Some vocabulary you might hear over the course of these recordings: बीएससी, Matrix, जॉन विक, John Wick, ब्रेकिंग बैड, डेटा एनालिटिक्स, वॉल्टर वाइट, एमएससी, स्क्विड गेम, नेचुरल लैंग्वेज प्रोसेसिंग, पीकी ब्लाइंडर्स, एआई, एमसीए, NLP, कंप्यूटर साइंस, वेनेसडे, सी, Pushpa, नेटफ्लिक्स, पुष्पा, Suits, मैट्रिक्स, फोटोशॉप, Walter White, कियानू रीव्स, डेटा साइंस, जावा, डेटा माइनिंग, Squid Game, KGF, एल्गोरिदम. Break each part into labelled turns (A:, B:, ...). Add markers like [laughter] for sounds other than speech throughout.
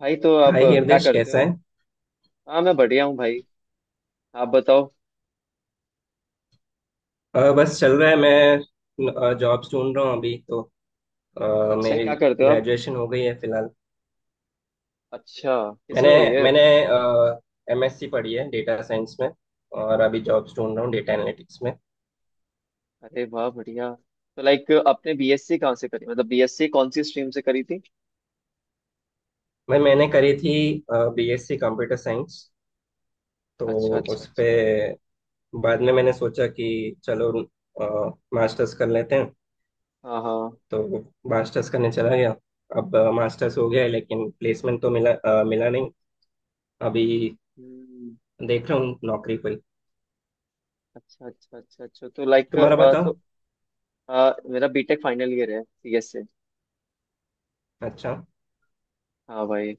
A: भाई तो आप
B: हाय
A: क्या
B: हिरदेश,
A: करते
B: कैसा
A: हो?
B: है?
A: हाँ, मैं बढ़िया हूँ भाई। आप बताओ।
B: बस चल रहा है। मैं जॉब ढूंढ रहा हूँ अभी तो।
A: अच्छा,
B: मेरी
A: क्या करते हो आप?
B: ग्रेजुएशन हो गई है फिलहाल।
A: अच्छा,
B: मैंने
A: किसमें हुई है?
B: मैंने एमएससी पढ़ी है डेटा साइंस में। और अभी जॉब्स ढूंढ रहा हूँ डेटा एनालिटिक्स में।
A: अरे वाह, बढ़िया। तो लाइक आपने बीएससी कहाँ से करी, मतलब बीएससी कौन सी स्ट्रीम से करी थी?
B: मैंने करी थी बीएससी कंप्यूटर साइंस।
A: अच्छा
B: तो
A: अच्छा
B: उस पे
A: अच्छा।
B: बाद में मैंने सोचा कि चलो मास्टर्स कर लेते हैं।
A: हाँ हाँ।
B: तो मास्टर्स करने चला गया। अब मास्टर्स हो गया है, लेकिन प्लेसमेंट तो मिला नहीं अभी।
A: हम्म।
B: देख रहा हूँ नौकरी पर।
A: अच्छा अच्छा अच्छा अच्छा, तो लाइक
B: तुम्हारा बताओ।
A: तो मेरा बीटेक फाइनल ईयर है सीएस से।
B: अच्छा।
A: हाँ भाई।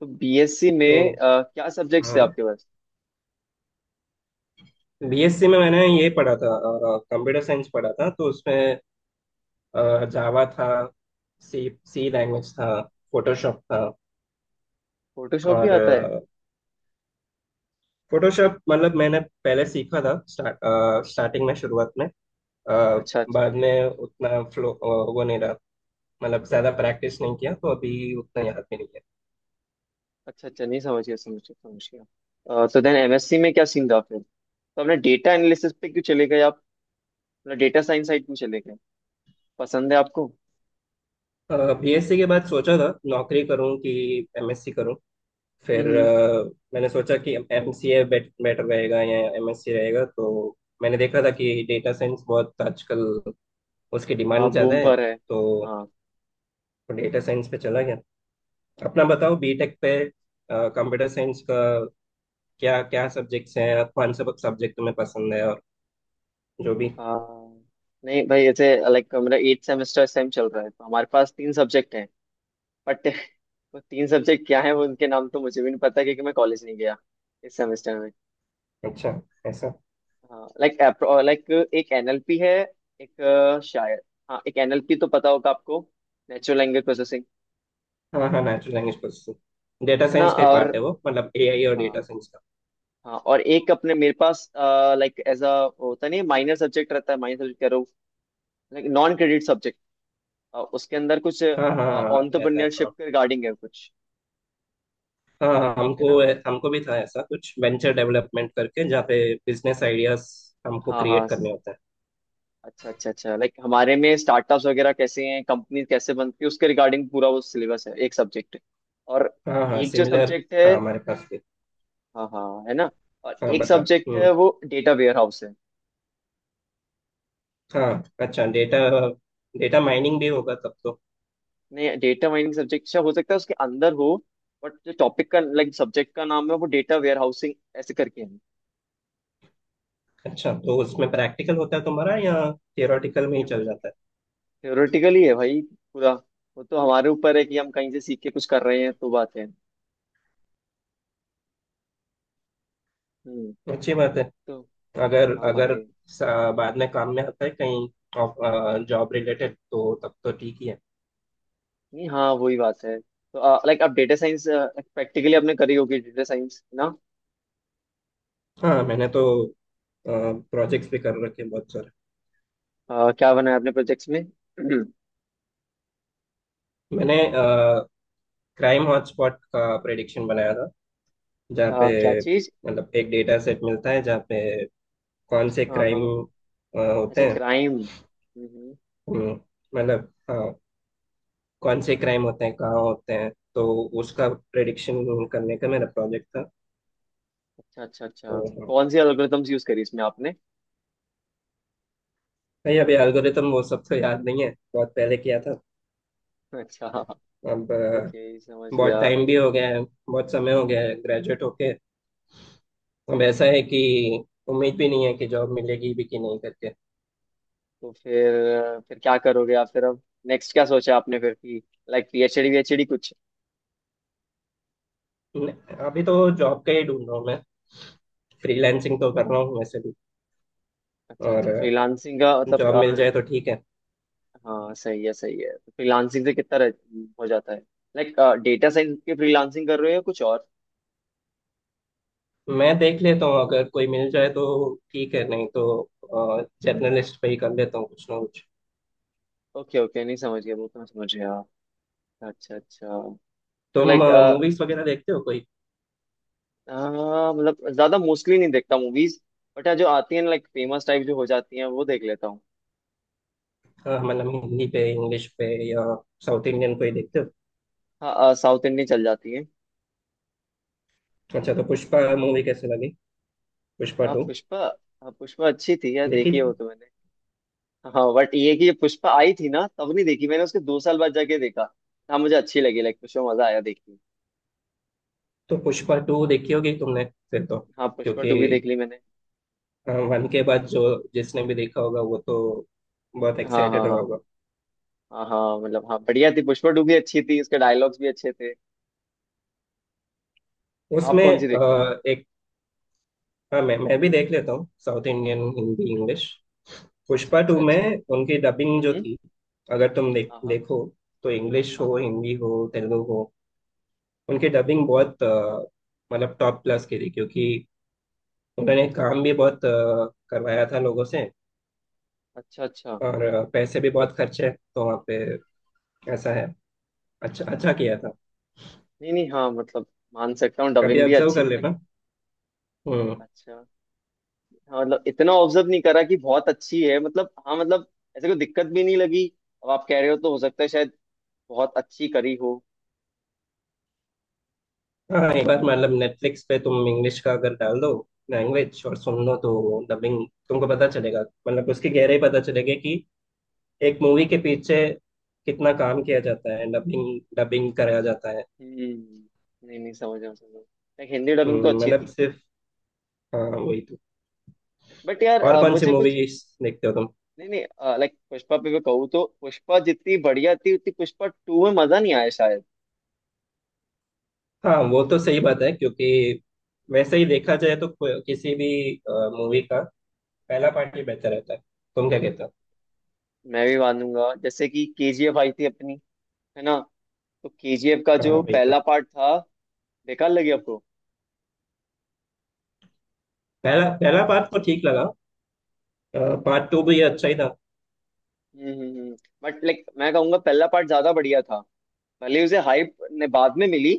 A: तो बीएससी
B: तो
A: में क्या सब्जेक्ट्स थे
B: हाँ,
A: आपके पास?
B: बीएससी में मैंने ये पढ़ा था। कंप्यूटर साइंस पढ़ा था तो उसमें जावा था, सी सी लैंग्वेज था, फोटोशॉप था।
A: फोटोशॉप भी
B: और
A: आता है?
B: फोटोशॉप मतलब मैंने पहले सीखा था, स्टार्टिंग में, शुरुआत में। अ,
A: अच्छा अच्छा
B: बाद में उतना फ्लो, वो नहीं रहा। मतलब ज्यादा प्रैक्टिस नहीं किया तो अभी उतना याद भी नहीं
A: अच्छा अच्छा, नहीं समझ गया समझ गया समझ गया। तो देन एमएससी में क्या सीन था फिर? तो आपने डेटा एनालिसिस पे क्यों चले गए आप? मतलब डेटा साइंस साइड क्यों चले गए? पसंद है आपको?
B: है। बीएससी के बाद सोचा था नौकरी करूं कि एमएससी करूं। फिर
A: हम्म।
B: मैंने सोचा कि एमसीए बेटर रहेगा या एमएससी रहेगा, तो मैंने देखा था कि डेटा साइंस बहुत आजकल उसकी
A: हाँ,
B: डिमांड ज़्यादा
A: बूम
B: है।
A: पर है।
B: तो
A: हाँ
B: डेटा साइंस पे चला गया। अपना बताओ। बीटेक पे कंप्यूटर साइंस का क्या क्या सब्जेक्ट्स हैं और कौन सा सब्जेक्ट तुम्हें पसंद है और जो भी।
A: हाँ। नहीं भाई, ऐसे लाइक मेरा एट सेमेस्टर इस टाइम चल रहा है, तो हमारे पास तीन सब्जेक्ट हैं। बट [laughs] वो तीन सब्जेक्ट क्या है, वो उनके नाम तो मुझे भी नहीं पता, क्योंकि मैं कॉलेज नहीं गया इस सेमेस्टर में।
B: अच्छा। ऐसा।
A: हाँ लाइक, लाइक एक एनएलपी है। एक शायद हाँ, एक एनएलपी तो पता होगा आपको। नेचुरल लैंग्वेज प्रोसेसिंग।
B: हाँ हाँ, नेचुरल लैंग्वेज प्रोसेसिंग डेटा
A: है ना?
B: साइंस का ही
A: और
B: पार्ट है वो, मतलब एआई और डेटा
A: हाँ
B: साइंस का।
A: हाँ, और एक अपने मेरे पास लाइक एज अ, होता नहीं माइनर सब्जेक्ट, रहता है माइनर सब्जेक्ट कह रहा हूँ। लाइक नॉन क्रेडिट सब्जेक्ट उसके अंदर कुछ
B: हाँ हाँ हाँ, ऐसा है हाँ।
A: ऑन्टरप्रेन्योरशिप के रिगार्डिंग है कुछ।
B: हाँ हाँ,
A: है
B: हमको
A: ना?
B: हमको भी था ऐसा कुछ वेंचर डेवलपमेंट करके, जहाँ पे बिजनेस आइडियाज हमको
A: हाँ हाँ।
B: क्रिएट करने होते हैं।
A: अच्छा अच्छा अच्छा, लाइक हमारे में स्टार्टअप्स वगैरह कैसे हैं, कंपनी कैसे बनती है, उसके रिगार्डिंग पूरा वो सिलेबस है, एक सब्जेक्ट है। और
B: हाँ हाँ,
A: एक जो
B: सिमिलर
A: सब्जेक्ट है,
B: था हमारे पास भी।
A: हाँ हाँ, है ना, और
B: हाँ,
A: एक
B: बता।
A: सब्जेक्ट है
B: हम्म।
A: वो डेटा वेयर हाउस है।
B: हाँ, अच्छा। डेटा डेटा माइनिंग भी होगा तब तो।
A: नहीं, डेटा माइनिंग सब्जेक्ट अच्छा हो सकता है, उसके अंदर हो। बट जो टॉपिक का लाइक सब्जेक्ट का नाम है वो डेटा वेयर हाउसिंग ऐसे करके है।
B: अच्छा, तो उसमें प्रैक्टिकल होता है तुम्हारा या थियोरेटिकल में ही
A: नहीं
B: चल
A: भाई,
B: जाता
A: theoretical ही है भाई पूरा। वो तो हमारे ऊपर है कि हम कहीं से सीख के कुछ कर रहे हैं तो बात है। हम्म।
B: है? अच्छी बात है।
A: तो
B: अगर
A: हाँ
B: अगर
A: भाई,
B: बाद में काम में आता है कहीं, जॉब रिलेटेड, तो तब तो ठीक ही है।
A: नहीं हाँ, वही बात है तो लाइक आप डेटा साइंस प्रैक्टिकली आपने करी होगी डेटा साइंस ना?
B: हाँ, मैंने तो प्रोजेक्ट्स भी कर रखे हैं बहुत सारे।
A: क्या बनाया आपने प्रोजेक्ट्स में? [clears throat]
B: मैंने क्राइम हॉटस्पॉट का प्रेडिक्शन बनाया था। जहाँ
A: क्या
B: पे
A: चीज?
B: मतलब एक डेटा सेट मिलता है जहाँ पे कौन से
A: हाँ
B: क्राइम
A: हाँ। अच्छा,
B: होते हैं।
A: क्राइम।
B: हम्म, मतलब हाँ। कौन से क्राइम होते हैं, कहाँ होते हैं, तो उसका प्रेडिक्शन करने का मेरा प्रोजेक्ट था।
A: अच्छा अच्छा अच्छा।
B: तो हाँ।
A: कौन सी एल्गोरिथम्स यूज करी इसमें आपने?
B: नहीं, अभी एल्गोरिदम वो सब तो याद नहीं है, बहुत पहले किया था।
A: [laughs] अच्छा।
B: अब
A: ओके, समझ
B: बहुत
A: गया।
B: टाइम भी हो गया है, बहुत समय हो गया है ग्रेजुएट होके। अब ऐसा है कि उम्मीद भी नहीं है कि जॉब मिलेगी भी कि नहीं करके।
A: तो फिर क्या करोगे आप फिर अब? नेक्स्ट क्या सोचा आपने फिर कि लाइक पीएचडी वीएचडी कुछ?
B: न- अभी तो जॉब का ही ढूंढ रहा हूँ मैं। फ्रीलैंसिंग तो कर रहा हूँ वैसे भी।
A: अच्छा
B: और
A: अच्छा, फ्रीलांसिंग का मतलब
B: जॉब मिल जाए तो ठीक है।
A: हाँ सही है सही है। फ्रीलांसिंग से कितना हो जाता है? लाइक डेटा साइंस के फ्रीलांसिंग कर रहे हो या कुछ और?
B: मैं देख लेता हूँ, अगर कोई मिल जाए तो ठीक है, नहीं तो जर्नलिस्ट पे ही कर लेता हूँ कुछ ना कुछ।
A: ओके ओके, नहीं समझ गया वो तो मैं समझ गया। अच्छा अच्छा, तो
B: तुम
A: लाइक
B: मूवीज वगैरह देखते हो कोई?
A: हाँ, मतलब ज्यादा मोस्टली नहीं देखता मूवीज। बट जो आती है लाइक फेमस टाइप जो हो जाती हैं वो देख लेता हूँ।
B: मतलब हिंदी पे, इंग्लिश पे, या साउथ इंडियन कोई देखते हो?
A: हाँ, साउथ इंडियन चल जाती है।
B: अच्छा, तो पुष्पा मूवी कैसे लगी? पुष्पा
A: हाँ
B: टू
A: पुष्पा, हाँ पुष्पा अच्छी थी यार,
B: देखी
A: देखी है
B: थी।
A: वो तो मैंने। हाँ बट ये कि ये पुष्पा आई थी ना तब नहीं देखी मैंने, उसके 2 साल बाद जाके देखा। हाँ मुझे अच्छी लगी, लाइक पुष्पा मजा आया देख के।
B: तो पुष्पा टू देखी होगी तुमने फिर तो,
A: हाँ, पुष्पा
B: क्योंकि
A: टू भी देख ली मैंने।
B: वन के बाद जो जिसने भी देखा होगा वो तो बहुत
A: हाँ
B: एक्साइटेड
A: हाँ
B: रहा
A: हाँ।
B: होगा।
A: हाँ हाँ, मतलब हाँ बढ़िया थी, पुष्पा टू भी अच्छी थी, उसके डायलॉग्स भी अच्छे थे। आप
B: उसमें
A: कौन सी देखते हो?
B: एक। हाँ, मैं भी देख लेता हूँ साउथ इंडियन, हिंदी, इंग्लिश।
A: अच्छा
B: पुष्पा टू
A: अच्छा अच्छा।
B: में उनकी डबिंग जो
A: हम्म।
B: थी, अगर तुम
A: हाँ हाँ।
B: देखो तो इंग्लिश
A: हाँ
B: हो,
A: हाँ।
B: हिंदी हो, तेलुगु हो, उनकी डबिंग बहुत, मतलब टॉप क्लास की थी क्योंकि उन्होंने काम भी बहुत करवाया था लोगों से।
A: अच्छा अच्छा।
B: और पैसे भी बहुत खर्चे तो वहाँ पे। ऐसा है, अच्छा अच्छा किया
A: हाँ।
B: था।
A: नहीं नहीं हाँ मतलब, मान सकता हूँ
B: कभी
A: डबिंग भी
B: ऑब्जर्व
A: अच्छी
B: कर
A: थी लाइक।
B: लेना। हम्म।
A: अच्छा, हाँ मतलब इतना ऑब्जर्व नहीं करा कि बहुत अच्छी है, मतलब हाँ मतलब ऐसे कोई दिक्कत भी नहीं लगी। अब आप कह रहे हो तो हो सकता है शायद बहुत अच्छी करी हो।
B: हाँ, एक बार मतलब नेटफ्लिक्स पे तुम इंग्लिश का अगर डाल दो लैंग्वेज और सुन लो, तो डबिंग तुमको पता चलेगा। मतलब उसकी गहराई पता चलेगी कि एक मूवी के पीछे कितना काम किया जाता है, डबिंग डबिंग कराया जाता है।
A: हम्म, नहीं नहीं समझ रहा हूँ, समझ रहा हूँ। लाइक हिंदी डबिंग तो अच्छी
B: मतलब
A: थी।
B: सिर्फ हाँ वही तो।
A: बट यार
B: और कौन सी
A: मुझे कुछ
B: मूवीज देखते हो तुम?
A: नहीं नहीं। लाइक पुष्पा पे मैं कहूँ तो पुष्पा जितनी बढ़िया थी उतनी पुष्पा टू में मजा नहीं आया शायद।
B: हाँ, वो तो सही बात है क्योंकि वैसे ही देखा जाए तो किसी भी मूवी का पहला पार्ट ही बेहतर रहता है। तुम क्या कहते हो?
A: मैं भी मानूंगा, जैसे कि केजीएफ आई थी अपनी, है ना? तो केजीएफ का
B: हाँ
A: जो
B: वही तो।
A: पहला पार्ट था, बेकार लगे आपको?
B: पहला पहला पार्ट तो ठीक लगा, पार्ट टू भी
A: हाँ।
B: अच्छा ही था।
A: हम्म। बट लाइक मैं कहूंगा पहला पार्ट ज्यादा बढ़िया था, भले ही उसे हाइप ने बाद में मिली,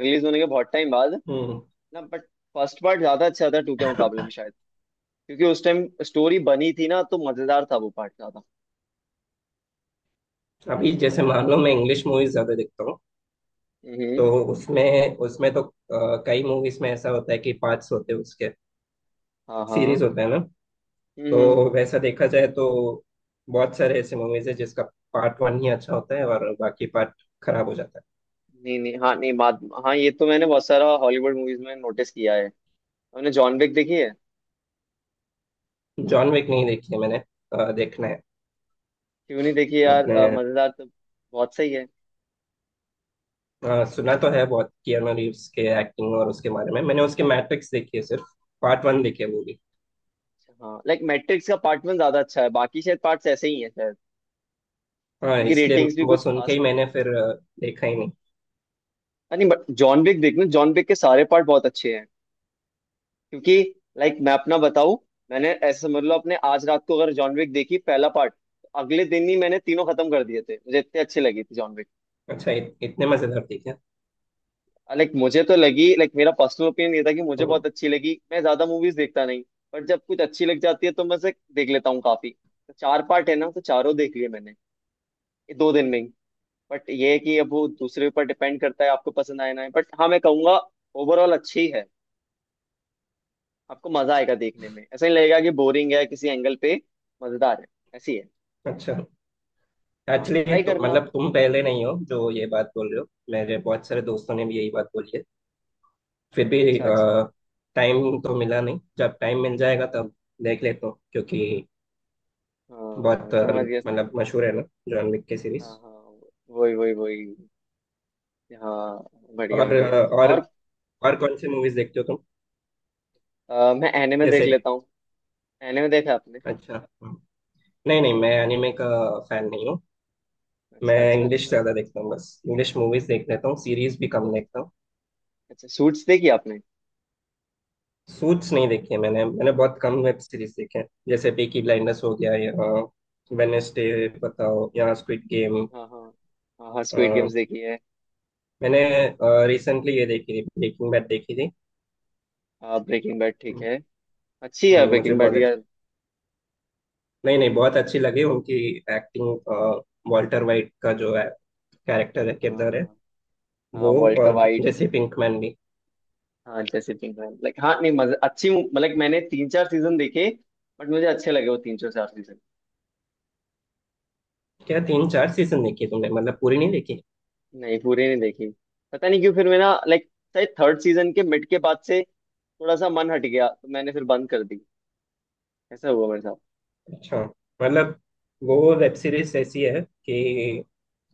A: रिलीज होने के बहुत टाइम बाद
B: हम्म।
A: ना। बट फर्स्ट पार्ट ज्यादा अच्छा था टू के मुकाबले में शायद, क्योंकि उस टाइम स्टोरी बनी थी ना तो मजेदार था वो पार्ट ज्यादा।
B: अभी जैसे मान लो मैं इंग्लिश मूवीज ज्यादा देखता हूँ,
A: हम्म
B: तो उसमें उसमें तो कई मूवीज में ऐसा होता है कि पार्ट्स होते हैं उसके,
A: हाँ
B: सीरीज
A: हाँ।
B: होते हैं ना।
A: हम्म।
B: तो वैसा देखा जाए तो बहुत सारे ऐसे मूवीज है जिसका पार्ट वन ही अच्छा होता है और बाकी पार्ट खराब हो जाता
A: नहीं नहीं हाँ नहीं बात, हाँ ये तो मैंने बहुत सारा हॉलीवुड मूवीज में नोटिस किया है। हमने जॉन विक देखी है।
B: है। जॉन विक नहीं देखी है मैंने, देखना है।
A: क्यों नहीं देखी यार?
B: आपने?
A: मजेदार तो बहुत सही है।
B: सुना तो है बहुत कियानू रीव्स के एक्टिंग और उसके बारे में। मैंने उसके मैट्रिक्स देखी है सिर्फ, पार्ट वन देखी है वो भी।
A: हाँ लाइक मैट्रिक्स का पार्ट वन ज्यादा अच्छा है, बाकी शायद पार्ट्स ऐसे ही हैं शायद।
B: हाँ,
A: उनकी
B: इसलिए
A: रेटिंग्स भी
B: वो
A: कुछ
B: सुन के
A: खास
B: ही
A: नहीं
B: मैंने
A: है।
B: फिर देखा ही नहीं।
A: अरे नहीं, बट जॉन विक देखना, जॉन विक के सारे पार्ट बहुत अच्छे हैं। क्योंकि लाइक मैं अपना बताऊं, मैंने ऐसे समझ लो अपने आज रात को अगर जॉन विक देखी पहला पार्ट, अगले दिन ही मैंने तीनों खत्म कर दिए थे, मुझे इतनी अच्छी लगी थी जॉन विक।
B: अच्छा, इतने मजेदार थी क्या?
A: लाइक मुझे तो लगी, लाइक मेरा पर्सनल ओपिनियन ये था कि मुझे
B: हम्म,
A: बहुत अच्छी लगी, मैं ज्यादा मूवीज देखता नहीं। बट जब कुछ अच्छी लग जाती है तो मैं उसे देख लेता हूँ काफी। तो चार पार्ट है ना, तो चारों देख लिए मैंने ये 2 दिन में ही। बट ये है कि अब वो दूसरे ऊपर डिपेंड करता है, आपको पसंद आए ना आए, बट हाँ मैं कहूंगा ओवरऑल अच्छी है। आपको मजा आएगा देखने में, ऐसा नहीं लगेगा कि बोरिंग है किसी एंगल पे, मजेदार है, ऐसी है।
B: अच्छा।
A: हाँ,
B: एक्चुअली
A: ट्राई
B: तो
A: करना आप।
B: मतलब तुम पहले नहीं हो जो ये बात बोल रहे हो, मेरे बहुत सारे दोस्तों ने भी यही बात बोली है। फिर भी
A: अच्छा अच्छा।
B: टाइम तो मिला नहीं, जब टाइम मिल जाएगा तब देख लेता हूँ, क्योंकि
A: हाँ
B: बहुत
A: समझ गया समझ।
B: मतलब मशहूर है ना जॉन विक की सीरीज।
A: हाँ हाँ, वही वही वही। हाँ, बढ़िया
B: और
A: बढ़िया।
B: अ, और
A: और
B: और कौन सी मूवीज देखते हो तुम?
A: मैं एनिमे देख
B: जैसे,
A: लेता हूँ। एनिमे देखा आपने?
B: अच्छा। हम्म। नहीं नहीं, मैं एनिमे का फैन नहीं हूँ। मैं
A: अच्छा अच्छा
B: इंग्लिश
A: अच्छा
B: ज्यादा
A: अच्छा,
B: देखता हूँ, बस इंग्लिश मूवीज देख लेता हूँ, सीरीज भी कम
A: तो
B: देखता हूँ।
A: अच्छा सूट्स देखी आपने?
B: सूट्स नहीं देखी है मैंने मैंने बहुत कम वेब सीरीज देखे हैं, जैसे पीकी ब्लाइंडर्स हो गया, या वेनेसडे
A: हाँ
B: बताओ, या स्क्विड गेम।
A: हाँ। हाँ हाँ हाँ, स्क्विड गेम्स देखी है।
B: मैंने रिसेंटली ये देखी थी, ब्रेकिंग बैड देखी थी।
A: हाँ ब्रेकिंग बैड ठीक
B: हम्म,
A: है, अच्छी है
B: मुझे
A: ब्रेकिंग बैड
B: बहुत
A: भी
B: अच्छी,
A: यार।
B: नहीं नहीं, बहुत अच्छी लगी उनकी एक्टिंग। वॉल्टर वाइट का जो है कैरेक्टर है, किरदार है
A: हाँ। हाँ
B: वो,
A: वॉल्टर
B: और
A: वाइट।
B: जैसे पिंकमैन भी।
A: हाँ जैसे पिंक, लाइक हाँ, नहीं मजा अच्छी मतलब मैंने तीन चार सीजन देखे, बट मुझे अच्छे लगे वो तीन चार सीजन।
B: क्या तीन चार सीजन देखी है तुमने? मतलब पूरी नहीं देखी?
A: नहीं, पूरी नहीं देखी। पता नहीं क्यों फिर मैं ना लाइक शायद थर्ड सीजन के मिड के बाद से थोड़ा सा मन हट गया तो मैंने फिर बंद कर दी, ऐसा हुआ मेरे साथ।
B: अच्छा। मतलब वो वेब सीरीज ऐसी है कि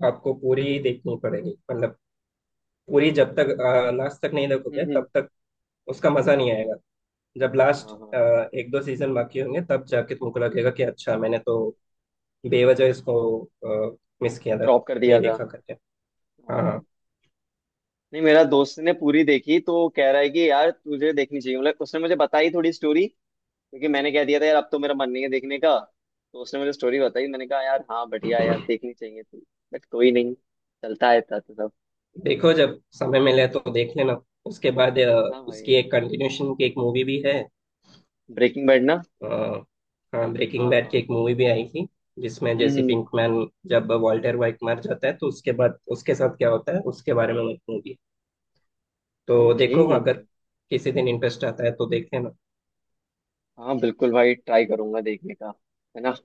B: आपको पूरी देखनी पड़ेगी, मतलब पूरी जब तक, लास्ट तक नहीं देखोगे
A: हम्म।
B: तब तक उसका मजा नहीं आएगा। जब लास्ट
A: हाँ हाँ,
B: एक दो सीजन बाकी होंगे तब जाके तुमको लगेगा कि अच्छा, मैंने तो बेवजह इसको मिस किया था,
A: ड्रॉप कर
B: नहीं
A: दिया था।
B: देखा करके। हाँ हाँ,
A: हाँ। नहीं मेरा दोस्त ने पूरी देखी तो कह रहा है कि यार तुझे देखनी चाहिए, मतलब उसने मुझे बताई थोड़ी स्टोरी, क्योंकि मैंने कह दिया था यार अब तो मेरा मन नहीं है देखने का। तो उसने मुझे स्टोरी बताई, मैंने कहा यार हाँ बढ़िया है यार, देखनी चाहिए थी। बट कोई नहीं, चलता है था तो सब।
B: देखो जब समय मिले तो देख लेना। उसके बाद
A: हाँ
B: उसकी
A: भाई,
B: एक कंटिन्यूशन की एक मूवी भी है।
A: ब्रेकिंग बैड ना।
B: अ, हाँ, ब्रेकिंग
A: हाँ
B: बैड की
A: हाँ।
B: एक मूवी भी आई थी, जिसमें जेसी
A: हम्म।
B: पिंकमैन, जब वॉल्टर वाइट मर जाता है तो उसके बाद उसके साथ क्या होता है उसके बारे में एक मूवी। तो
A: ओके।
B: देखो अगर किसी दिन इंटरेस्ट आता है तो देखते हैं ना।
A: हाँ बिल्कुल भाई, ट्राई करूंगा देखने का। है ना?